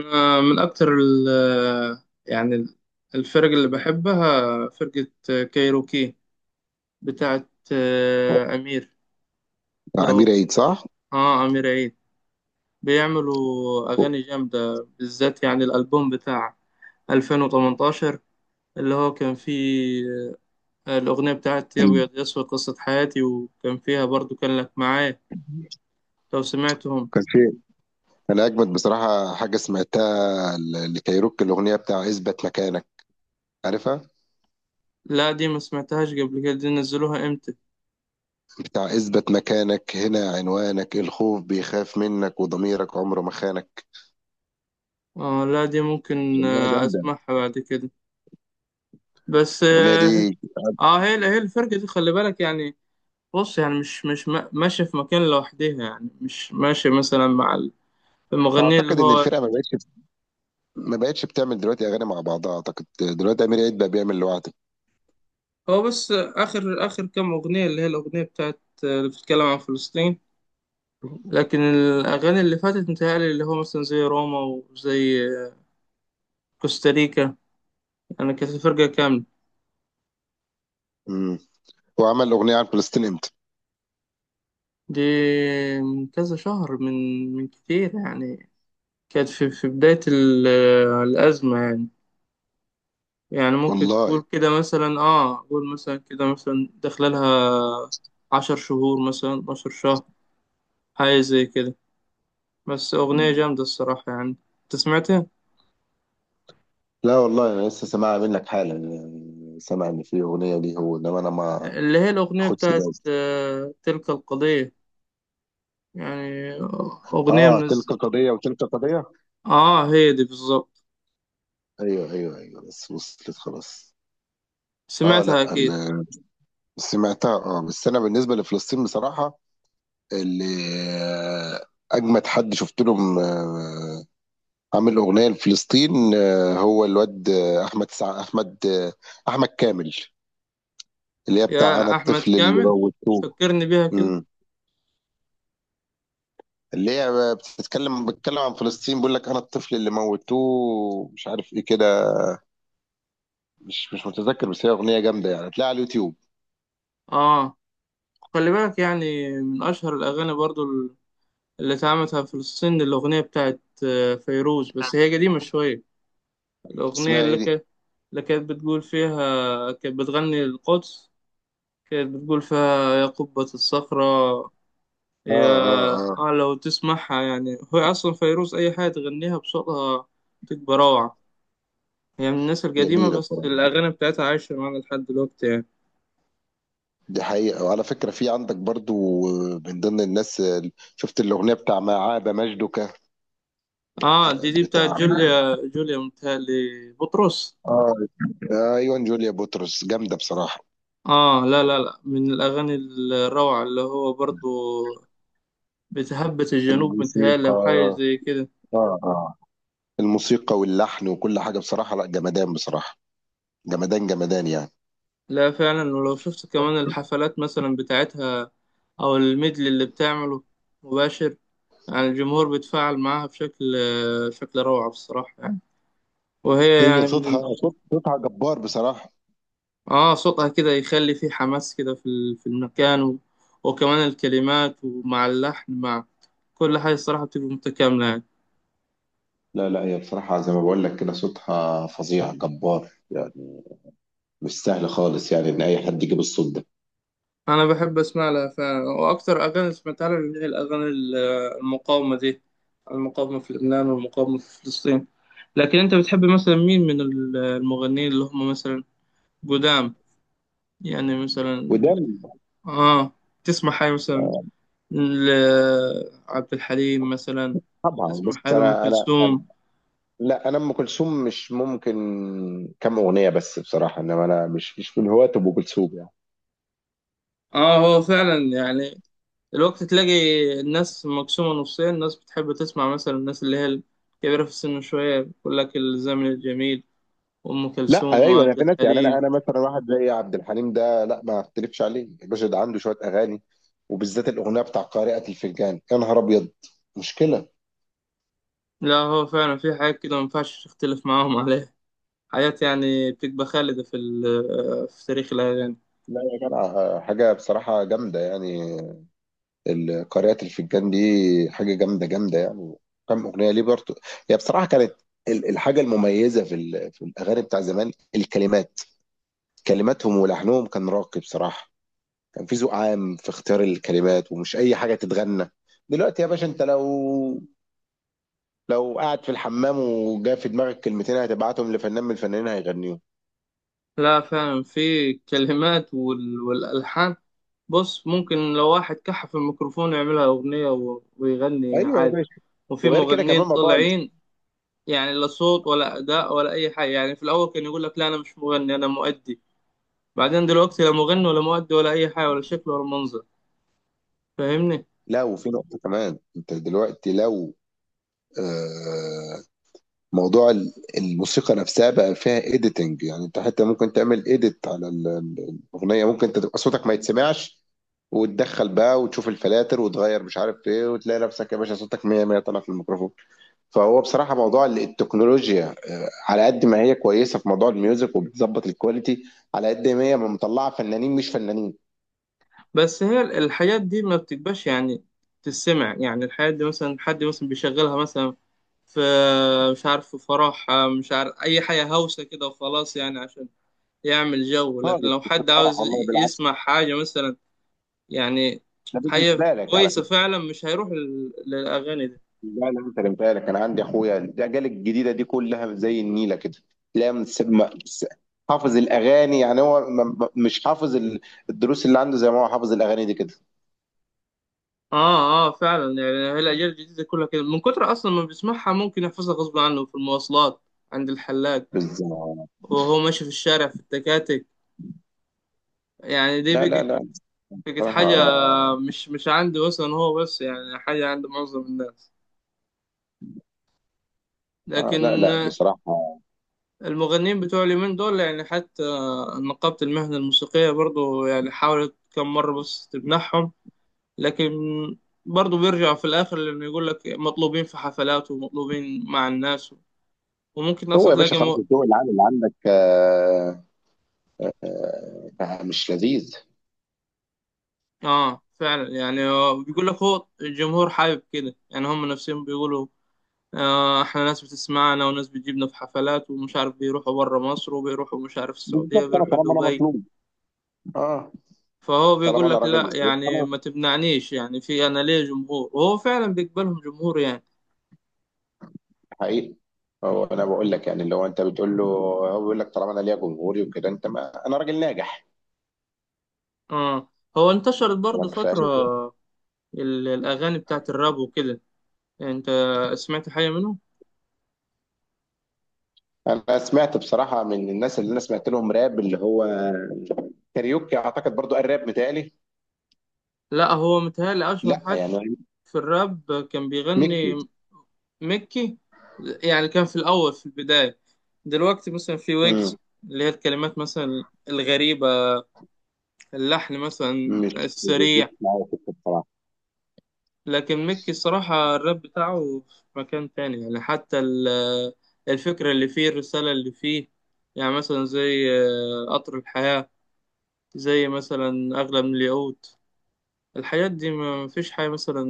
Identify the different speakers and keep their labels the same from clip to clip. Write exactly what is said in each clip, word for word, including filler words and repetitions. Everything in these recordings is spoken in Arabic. Speaker 1: أنا من أكتر ال يعني ال- الفرق اللي بحبها فرقة كايروكي بتاعت آه، أمير
Speaker 2: بتاع
Speaker 1: لو
Speaker 2: امير عيد صح؟
Speaker 1: آه أمير عيد. بيعملوا أغاني جامدة، بالذات يعني الألبوم بتاع ألفين وثمنتاشر اللي هو كان فيه آه، الأغنية بتاعت يا
Speaker 2: ال-
Speaker 1: أبيض يا أسود، قصة حياتي، وكان فيها برضو كان لك معايا، لو سمعتهم.
Speaker 2: كان في انا اجمد بصراحه حاجه سمعتها ل- لكايروكي الاغنيه بتاع اثبت مكانك، عارفها؟
Speaker 1: لا، دي ما سمعتهاش قبل كده. دي نزلوها إمتى؟
Speaker 2: بتاع اثبت مكانك هنا عنوانك، الخوف بيخاف منك وضميرك عمره ما خانك.
Speaker 1: آه، لا دي ممكن
Speaker 2: اغنيه
Speaker 1: آه،
Speaker 2: جامده
Speaker 1: أسمعها بعد كده. بس
Speaker 2: الاغنيه
Speaker 1: اه
Speaker 2: دي.
Speaker 1: آه، هي هي الفرقة دي، خلي بالك يعني. بص يعني مش مش ما- ماشية في مكان لوحدها، يعني مش ماشية مثلا مع ال- المغنية، اللي
Speaker 2: اعتقد ان
Speaker 1: هو
Speaker 2: الفرقه ما بقتش ما بقتش بتعمل دلوقتي اغاني مع بعضها، اعتقد دلوقتي امير عيد بقى بيعمل لوحده.
Speaker 1: هو بس آخر آخر كام أغنية اللي هي الأغنية بتاعت آه، اللي بتتكلم عن فلسطين. لكن الأغاني اللي فاتت متهيألي اللي هو مثلا زي روما، وزي آه، كوستاريكا، يعني كانت فرقة كاملة.
Speaker 2: امم هو عمل اغنيه عن فلسطين امتى؟
Speaker 1: دي من كذا شهر، من من كتير يعني. كانت في في بداية ال- آه، الأزمة يعني. يعني ممكن
Speaker 2: والله.
Speaker 1: تقول كده مثلا، اه قول مثلا كده، مثلا داخله لها عشر شهور، مثلا عشر شهر، حاجة زي كده. بس أغنية
Speaker 2: مم.
Speaker 1: جامدة الصراحة يعني. أنت سمعتها؟
Speaker 2: لا والله انا لسه سامعها منك حالا، يعني سامع ان في اغنيه ليه هو انما انا ما
Speaker 1: اللي هي الأغنية
Speaker 2: خد سباق.
Speaker 1: بتاعت آه تلك القضية. يعني أغنية من
Speaker 2: اه تلك
Speaker 1: الز...
Speaker 2: قضية وتلك قضية.
Speaker 1: اه، هي دي بالظبط.
Speaker 2: ايوه ايوه ايوه، بس وصلت خلاص. اه،
Speaker 1: سمعتها
Speaker 2: لا
Speaker 1: أكيد.
Speaker 2: ال- سمعتها اه، بس انا بالنسبة لفلسطين بصراحة، اللي آه، اجمد حد شفت لهم آه، عامل اغنية لفلسطين آه، هو الواد آه، احمد سع... احمد آه، احمد كامل، اللي هي بتاع انا
Speaker 1: يا أحمد
Speaker 2: الطفل اللي
Speaker 1: كامل،
Speaker 2: موتوه.
Speaker 1: فكرني بيها كده.
Speaker 2: امم. اللي هي بتتكلم بتتكلم عن فلسطين، بيقول لك انا الطفل اللي موتوه مش عارف ايه كده. مش مش متذكر، بس هي اغنيه جامده يعني، هتلاقيها على اليوتيوب.
Speaker 1: اه، خلي بالك يعني، من أشهر الأغاني برضو اللي اتعملت في فلسطين، الأغنية بتاعت آه، فيروز، بس هي قديمة شوية. الأغنية
Speaker 2: اسمها ايه
Speaker 1: اللي
Speaker 2: دي؟
Speaker 1: كانت اللي كانت بتقول فيها، كانت بتغني القدس. كانت بتقول فيها: يا قبة الصخرة،
Speaker 2: اه
Speaker 1: يا
Speaker 2: اه اه.
Speaker 1: آه، لو تسمعها يعني، هو أصلا فيروز أي حاجة تغنيها بصوتها تبقى روعة. هي من الناس القديمة،
Speaker 2: جميلة
Speaker 1: بس
Speaker 2: بصراحة،
Speaker 1: الأغاني بتاعتها عايشة معانا لحد دلوقتي يعني.
Speaker 2: دي حقيقة. وعلى فكرة في عندك برضو آه، من ضمن الناس ال- شفت الأغنية بتاع ما عاب مجدك،
Speaker 1: آه، دي دي بتاعت
Speaker 2: بتاع
Speaker 1: جوليا جوليا متهيألي، بطرس.
Speaker 2: اه. ايوه، جوليا بطرس جامدة بصراحة.
Speaker 1: آه، لا لا لا، من الأغاني الروعة اللي هو برضو بتهبس الجنوب متهيألي،
Speaker 2: الموسيقى،
Speaker 1: أو حاجة زي كده.
Speaker 2: اه اه، الموسيقى واللحن وكل حاجة بصراحة، لا جمدان بصراحة، جمدان جمدان يعني.
Speaker 1: لا، فعلا، ولو شفت كمان الحفلات مثلا بتاعتها، أو الميدل اللي بتعمله مباشر، يعني الجمهور بيتفاعل معاها بشكل شكل روعة بصراحة يعني. وهي
Speaker 2: هي
Speaker 1: يعني من ال-
Speaker 2: صوتها صوت صوتها جبار بصراحة.
Speaker 1: آه، صوتها كده يخلي فيه حماس كده في ال- في المكان. و... وكمان الكلمات، ومع اللحن، مع كل حاجة الصراحة بتبقى متكاملة يعني.
Speaker 2: لا لا، هي بصراحة زي ما بقول لك كده، صوتها فظيع جبار يعني، مش سهل خالص يعني إن أي حد يجيب الصوت ده.
Speaker 1: انا بحب اسمع لها فعلا، واكتر اغاني سمعتها لها اللي هي الاغاني ال- المقاومه دي، المقاومه في لبنان والمقاومه في فلسطين. لكن انت بتحب مثلا مين من ال- المغنيين، اللي هم مثلا قدام، يعني مثلا
Speaker 2: وده
Speaker 1: بت- اه، تسمع حاجه مثلا لعبد الحليم مثلا،
Speaker 2: طبعا،
Speaker 1: تسمع
Speaker 2: بص
Speaker 1: حاجه لام
Speaker 2: انا انا،
Speaker 1: كلثوم؟
Speaker 2: لا انا ام كلثوم مش ممكن، كم اغنيه بس بصراحه، انما انا مش مش من هواة ام كلثوم يعني.
Speaker 1: اه، هو فعلا يعني، الوقت تلاقي الناس مقسومة نصين، ناس بتحب تسمع مثلا الناس اللي هي الكبيرة في السن شوية، بيقول لك الزمن الجميل وأم
Speaker 2: لا
Speaker 1: كلثوم
Speaker 2: ايوه، انا
Speaker 1: وعبد
Speaker 2: في ناس يعني، انا
Speaker 1: الحليم.
Speaker 2: انا مثلا واحد زي عبد الحليم ده لا ما اختلفش عليه، الباشا ده عنده شويه اغاني، وبالذات الاغنيه بتاع قارئة الفنجان، يا نهار ابيض، مشكله.
Speaker 1: لا، هو فعلا في حاجات كده ما ينفعش تختلف معاهم عليها، حاجات يعني بتبقى خالدة في ال- في تاريخ الأغاني.
Speaker 2: لا يا جدع، حاجه بصراحه جامده يعني، ال- قارئة الفنجان دي حاجه جامده جامده يعني. كم اغنيه ليه برضه. هي بصراحه كانت ال- الحاجه المميزه في ال- في الاغاني بتاع زمان الكلمات، كلماتهم ولحنهم كان راقي بصراحة. كان في ذوق عام في اختيار الكلمات، ومش أي حاجة تتغنى. دلوقتي يا باشا أنت لو، لو قاعد في الحمام وجا في دماغك كلمتين هتبعتهم لفنان من الفنانين هيغنيهم.
Speaker 1: لا، فعلا، في كلمات وال- والألحان. بص، ممكن لو واحد كحف الميكروفون يعملها أغنية و- ويغني
Speaker 2: ايوه يا
Speaker 1: عادي.
Speaker 2: باشا.
Speaker 1: وفي
Speaker 2: وغير كده
Speaker 1: مغنيين
Speaker 2: كمان موضوع ال-
Speaker 1: طالعين يعني لا صوت ولا أداء ولا أي حاجة، يعني في الأول كان يقول لك: لا أنا مش مغني، أنا مؤدي. بعدين دلوقتي لا مغني ولا مؤدي ولا أي حاجة، ولا شكل ولا منظر. فاهمني؟
Speaker 2: لو في نقطة كمان، انت دلوقتي لو آه موضوع ال- الموسيقى نفسها بقى فيها اديتنج، يعني انت حتى ممكن تعمل اديت على ال- ال- الاغنية، ممكن انت تبقى صوتك ما يتسمعش، وتدخل بقى وتشوف الفلاتر وتغير مش عارف ايه، وتلاقي نفسك يا باشا صوتك مية مية طالع في الميكروفون. فهو بصراحه موضوع التكنولوجيا آه، على قد ما هي كويسه في موضوع الميوزك وبتظبط الكواليتي، على قد ما هي مطلعه فنانين مش فنانين.
Speaker 1: بس هي الحاجات دي ما بتبقاش يعني تسمع، يعني الحاجات دي مثلا حد مثلا بيشغلها مثلا في، مش عارف، في فرح، مش عارف أي حاجة، هوسة كده وخلاص، يعني عشان يعمل جو. لكن
Speaker 2: خالص،
Speaker 1: لو
Speaker 2: كنت
Speaker 1: حد
Speaker 2: فرح
Speaker 1: عاوز
Speaker 2: والله بالعكس.
Speaker 1: يسمع حاجة مثلا، يعني
Speaker 2: ده بالنسبه
Speaker 1: حاجة
Speaker 2: لك على
Speaker 1: كويسة
Speaker 2: فكره.
Speaker 1: فعلا، مش هيروح لل- للأغاني دي.
Speaker 2: لا لا، انت اللي بالك، انا عندي اخويا الاجيال الجديده دي كلها زي النيله كده. لا مس- ما- مس- حافظ الاغاني، يعني هو م- م- مش حافظ ال- الدروس اللي عنده زي ما هو حافظ الاغاني دي كده.
Speaker 1: اه اه، فعلا يعني، هي الأجيال الجديدة كلها كده، من كتر أصلا ما بيسمعها ممكن يحفظها غصب عنه في المواصلات، عند الحلاق،
Speaker 2: بالظبط.
Speaker 1: وهو ماشي في الشارع، في التكاتك، يعني دي
Speaker 2: لا لا
Speaker 1: بقت
Speaker 2: لا
Speaker 1: بقت حاجة،
Speaker 2: بصراحة.
Speaker 1: مش مش عندي مثلا هو بس، يعني حاجة عند معظم الناس.
Speaker 2: آه لا
Speaker 1: لكن
Speaker 2: لا
Speaker 1: آه،
Speaker 2: بصراحة.
Speaker 1: المغنيين بتوع اليومين دول يعني، حتى نقابة المهنة الموسيقية برضو يعني حاولت كم مرة بس تمنحهم، لكن برضو بيرجعوا في الآخر لأنه يقول لك مطلوبين في حفلات ومطلوبين مع الناس، وممكن
Speaker 2: هو
Speaker 1: أصلا
Speaker 2: يا باشا
Speaker 1: تلاقي
Speaker 2: خلاص،
Speaker 1: م...
Speaker 2: الجو العام اللي عندك آه آه، مش لذيذ.
Speaker 1: آه، فعلا يعني، آه، بيقول لك هو الجمهور حابب كده، يعني هم نفسهم بيقولوا: آه، احنا ناس بتسمعنا وناس بتجيبنا في حفلات، ومش عارف بيروحوا بره مصر، وبيروحوا مش عارف السعودية،
Speaker 2: بالظبط، أنا
Speaker 1: بيروحوا
Speaker 2: طالما أنا
Speaker 1: دبي.
Speaker 2: مطلوب اه،
Speaker 1: فهو
Speaker 2: طالما
Speaker 1: بيقول
Speaker 2: أنا
Speaker 1: لك
Speaker 2: راجل
Speaker 1: لا،
Speaker 2: مطلوب
Speaker 1: يعني
Speaker 2: خلاص،
Speaker 1: ما تمنعنيش، يعني في، انا ليه جمهور، وهو فعلا بيقبلهم جمهور يعني.
Speaker 2: حقيقي. هو أنا بقول لك، يعني اللي هو أنت بتقول له، هو بيقول لك طالما أنا ليا جمهوري وكده، أنت ما أنا راجل ناجح،
Speaker 1: اه، هو انتشرت برضه
Speaker 2: لك
Speaker 1: فترة
Speaker 2: فاهم.
Speaker 1: ال- الاغاني بتاعت الراب وكده. انت سمعت حاجة منهم؟
Speaker 2: أنا سمعت بصراحة، من الناس اللي أنا سمعت لهم راب اللي هو كاريوكي، أعتقد برضو قال راب متهيألي.
Speaker 1: لا، هو متهيألي اشهر
Speaker 2: لا
Speaker 1: حد
Speaker 2: يعني،
Speaker 1: في الراب كان
Speaker 2: ميكي.
Speaker 1: بيغني، مكي. يعني كان في الاول، في البداية، دلوقتي مثلا في
Speaker 2: مم.
Speaker 1: ويجز اللي هي الكلمات مثلا الغريبة، اللحن مثلا
Speaker 2: مش بيجيش
Speaker 1: السريع.
Speaker 2: معايا سكة بصراحة.
Speaker 1: لكن ميكي الصراحة الراب بتاعه في مكان تاني، يعني حتى ال- الفكرة اللي فيه، الرسالة اللي فيه، يعني مثلا زي آه، قطر الحياة، زي مثلا أغلى من الياقوت، الحاجات دي ما فيش حاجة مثلا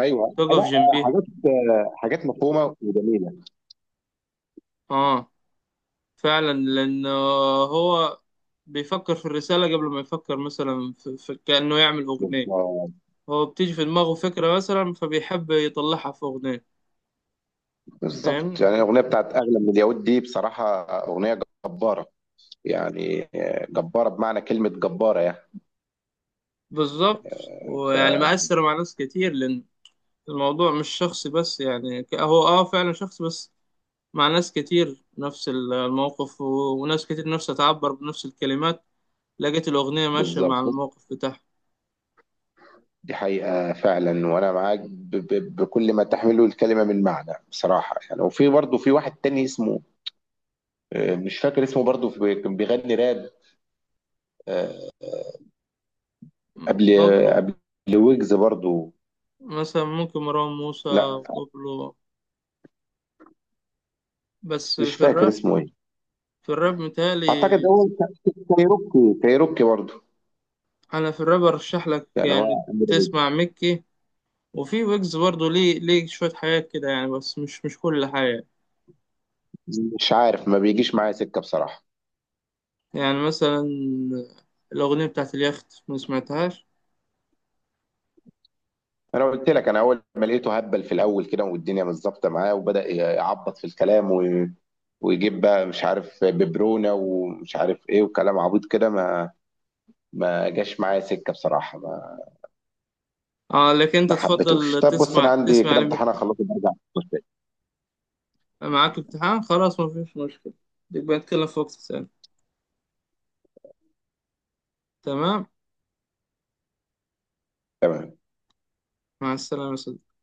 Speaker 2: ايوه،
Speaker 1: تقف
Speaker 2: لا.
Speaker 1: جنبيها.
Speaker 2: حاجات، حاجات مفهومه وجميله.
Speaker 1: اه، فعلا، لأن هو بيفكر في الرسالة قبل ما يفكر مثلا في في كأنه يعمل أغنية.
Speaker 2: بالظبط.
Speaker 1: هو بتيجي في دماغه فكرة مثلا، فبيحب يطلعها في أغنية،
Speaker 2: بالظبط.
Speaker 1: فاهمني؟
Speaker 2: يعني الاغنيه بتاعت اغلى من اليهود دي بصراحه اغنيه جباره يعني، جباره بمعنى كلمه جباره يعني.
Speaker 1: بالظبط. ويعني مأثر مع ناس كتير، لأن الموضوع مش شخصي، بس يعني ك- هو اه فعلا شخصي، بس مع ناس كتير نفس ال- الموقف، و- وناس كتير نفسها تعبر بنفس الكلمات، لقيت الأغنية ماشية مع
Speaker 2: فبالظبط،
Speaker 1: الموقف بتاعها.
Speaker 2: دي حقيقه فعلا، وانا معاك ب- ب- بكل ما تحمله الكلمه من معنى بصراحه يعني. وفي برضه في واحد تاني اسمه آه، مش فاكر اسمه، برضه في- كان بيغني راب آه، قبل،
Speaker 1: بابلو،
Speaker 2: قبل ويجز برضه.
Speaker 1: مثلا ممكن مروان موسى،
Speaker 2: لا
Speaker 1: بابلو بس
Speaker 2: مش
Speaker 1: في
Speaker 2: فاكر
Speaker 1: الراب،
Speaker 2: اسمه ايه،
Speaker 1: في الراب متهيألي.
Speaker 2: اعتقد هو ك- كايروكي كايروكي برضه،
Speaker 1: أنا في الراب أرشح لك
Speaker 2: يعني
Speaker 1: يعني
Speaker 2: هو أمير عيد.
Speaker 1: تسمع ميكي. وفي ويجز برضه ليه ليه شوية حاجات كده يعني، بس مش مش كل حاجة.
Speaker 2: مش عارف، ما بيجيش معايا سكه بصراحه.
Speaker 1: يعني مثلا الأغنية بتاعت اليخت، ما سمعتهاش؟
Speaker 2: انا قلت لك انا اول ما لقيته هبل في الاول كده، والدنيا مش ظابطه معاه، وبدا يعبط في الكلام، و... ويجيب بقى مش عارف ببرونه ومش عارف ايه وكلام عبيط كده، ما ما جاش معايا سكه بصراحه، ما
Speaker 1: اه، لكن انت
Speaker 2: ما حبيتوش.
Speaker 1: تفضل
Speaker 2: طب بص انا
Speaker 1: تسمع
Speaker 2: عندي
Speaker 1: تسمع
Speaker 2: كده امتحان
Speaker 1: لمكة.
Speaker 2: اخلصه برجع.
Speaker 1: معاك امتحان؟ خلاص، ما فيش مشكلة، نبقى نتكلم في وقت تاني. تمام.
Speaker 2: تمام.
Speaker 1: مع السلامة يا صديقي.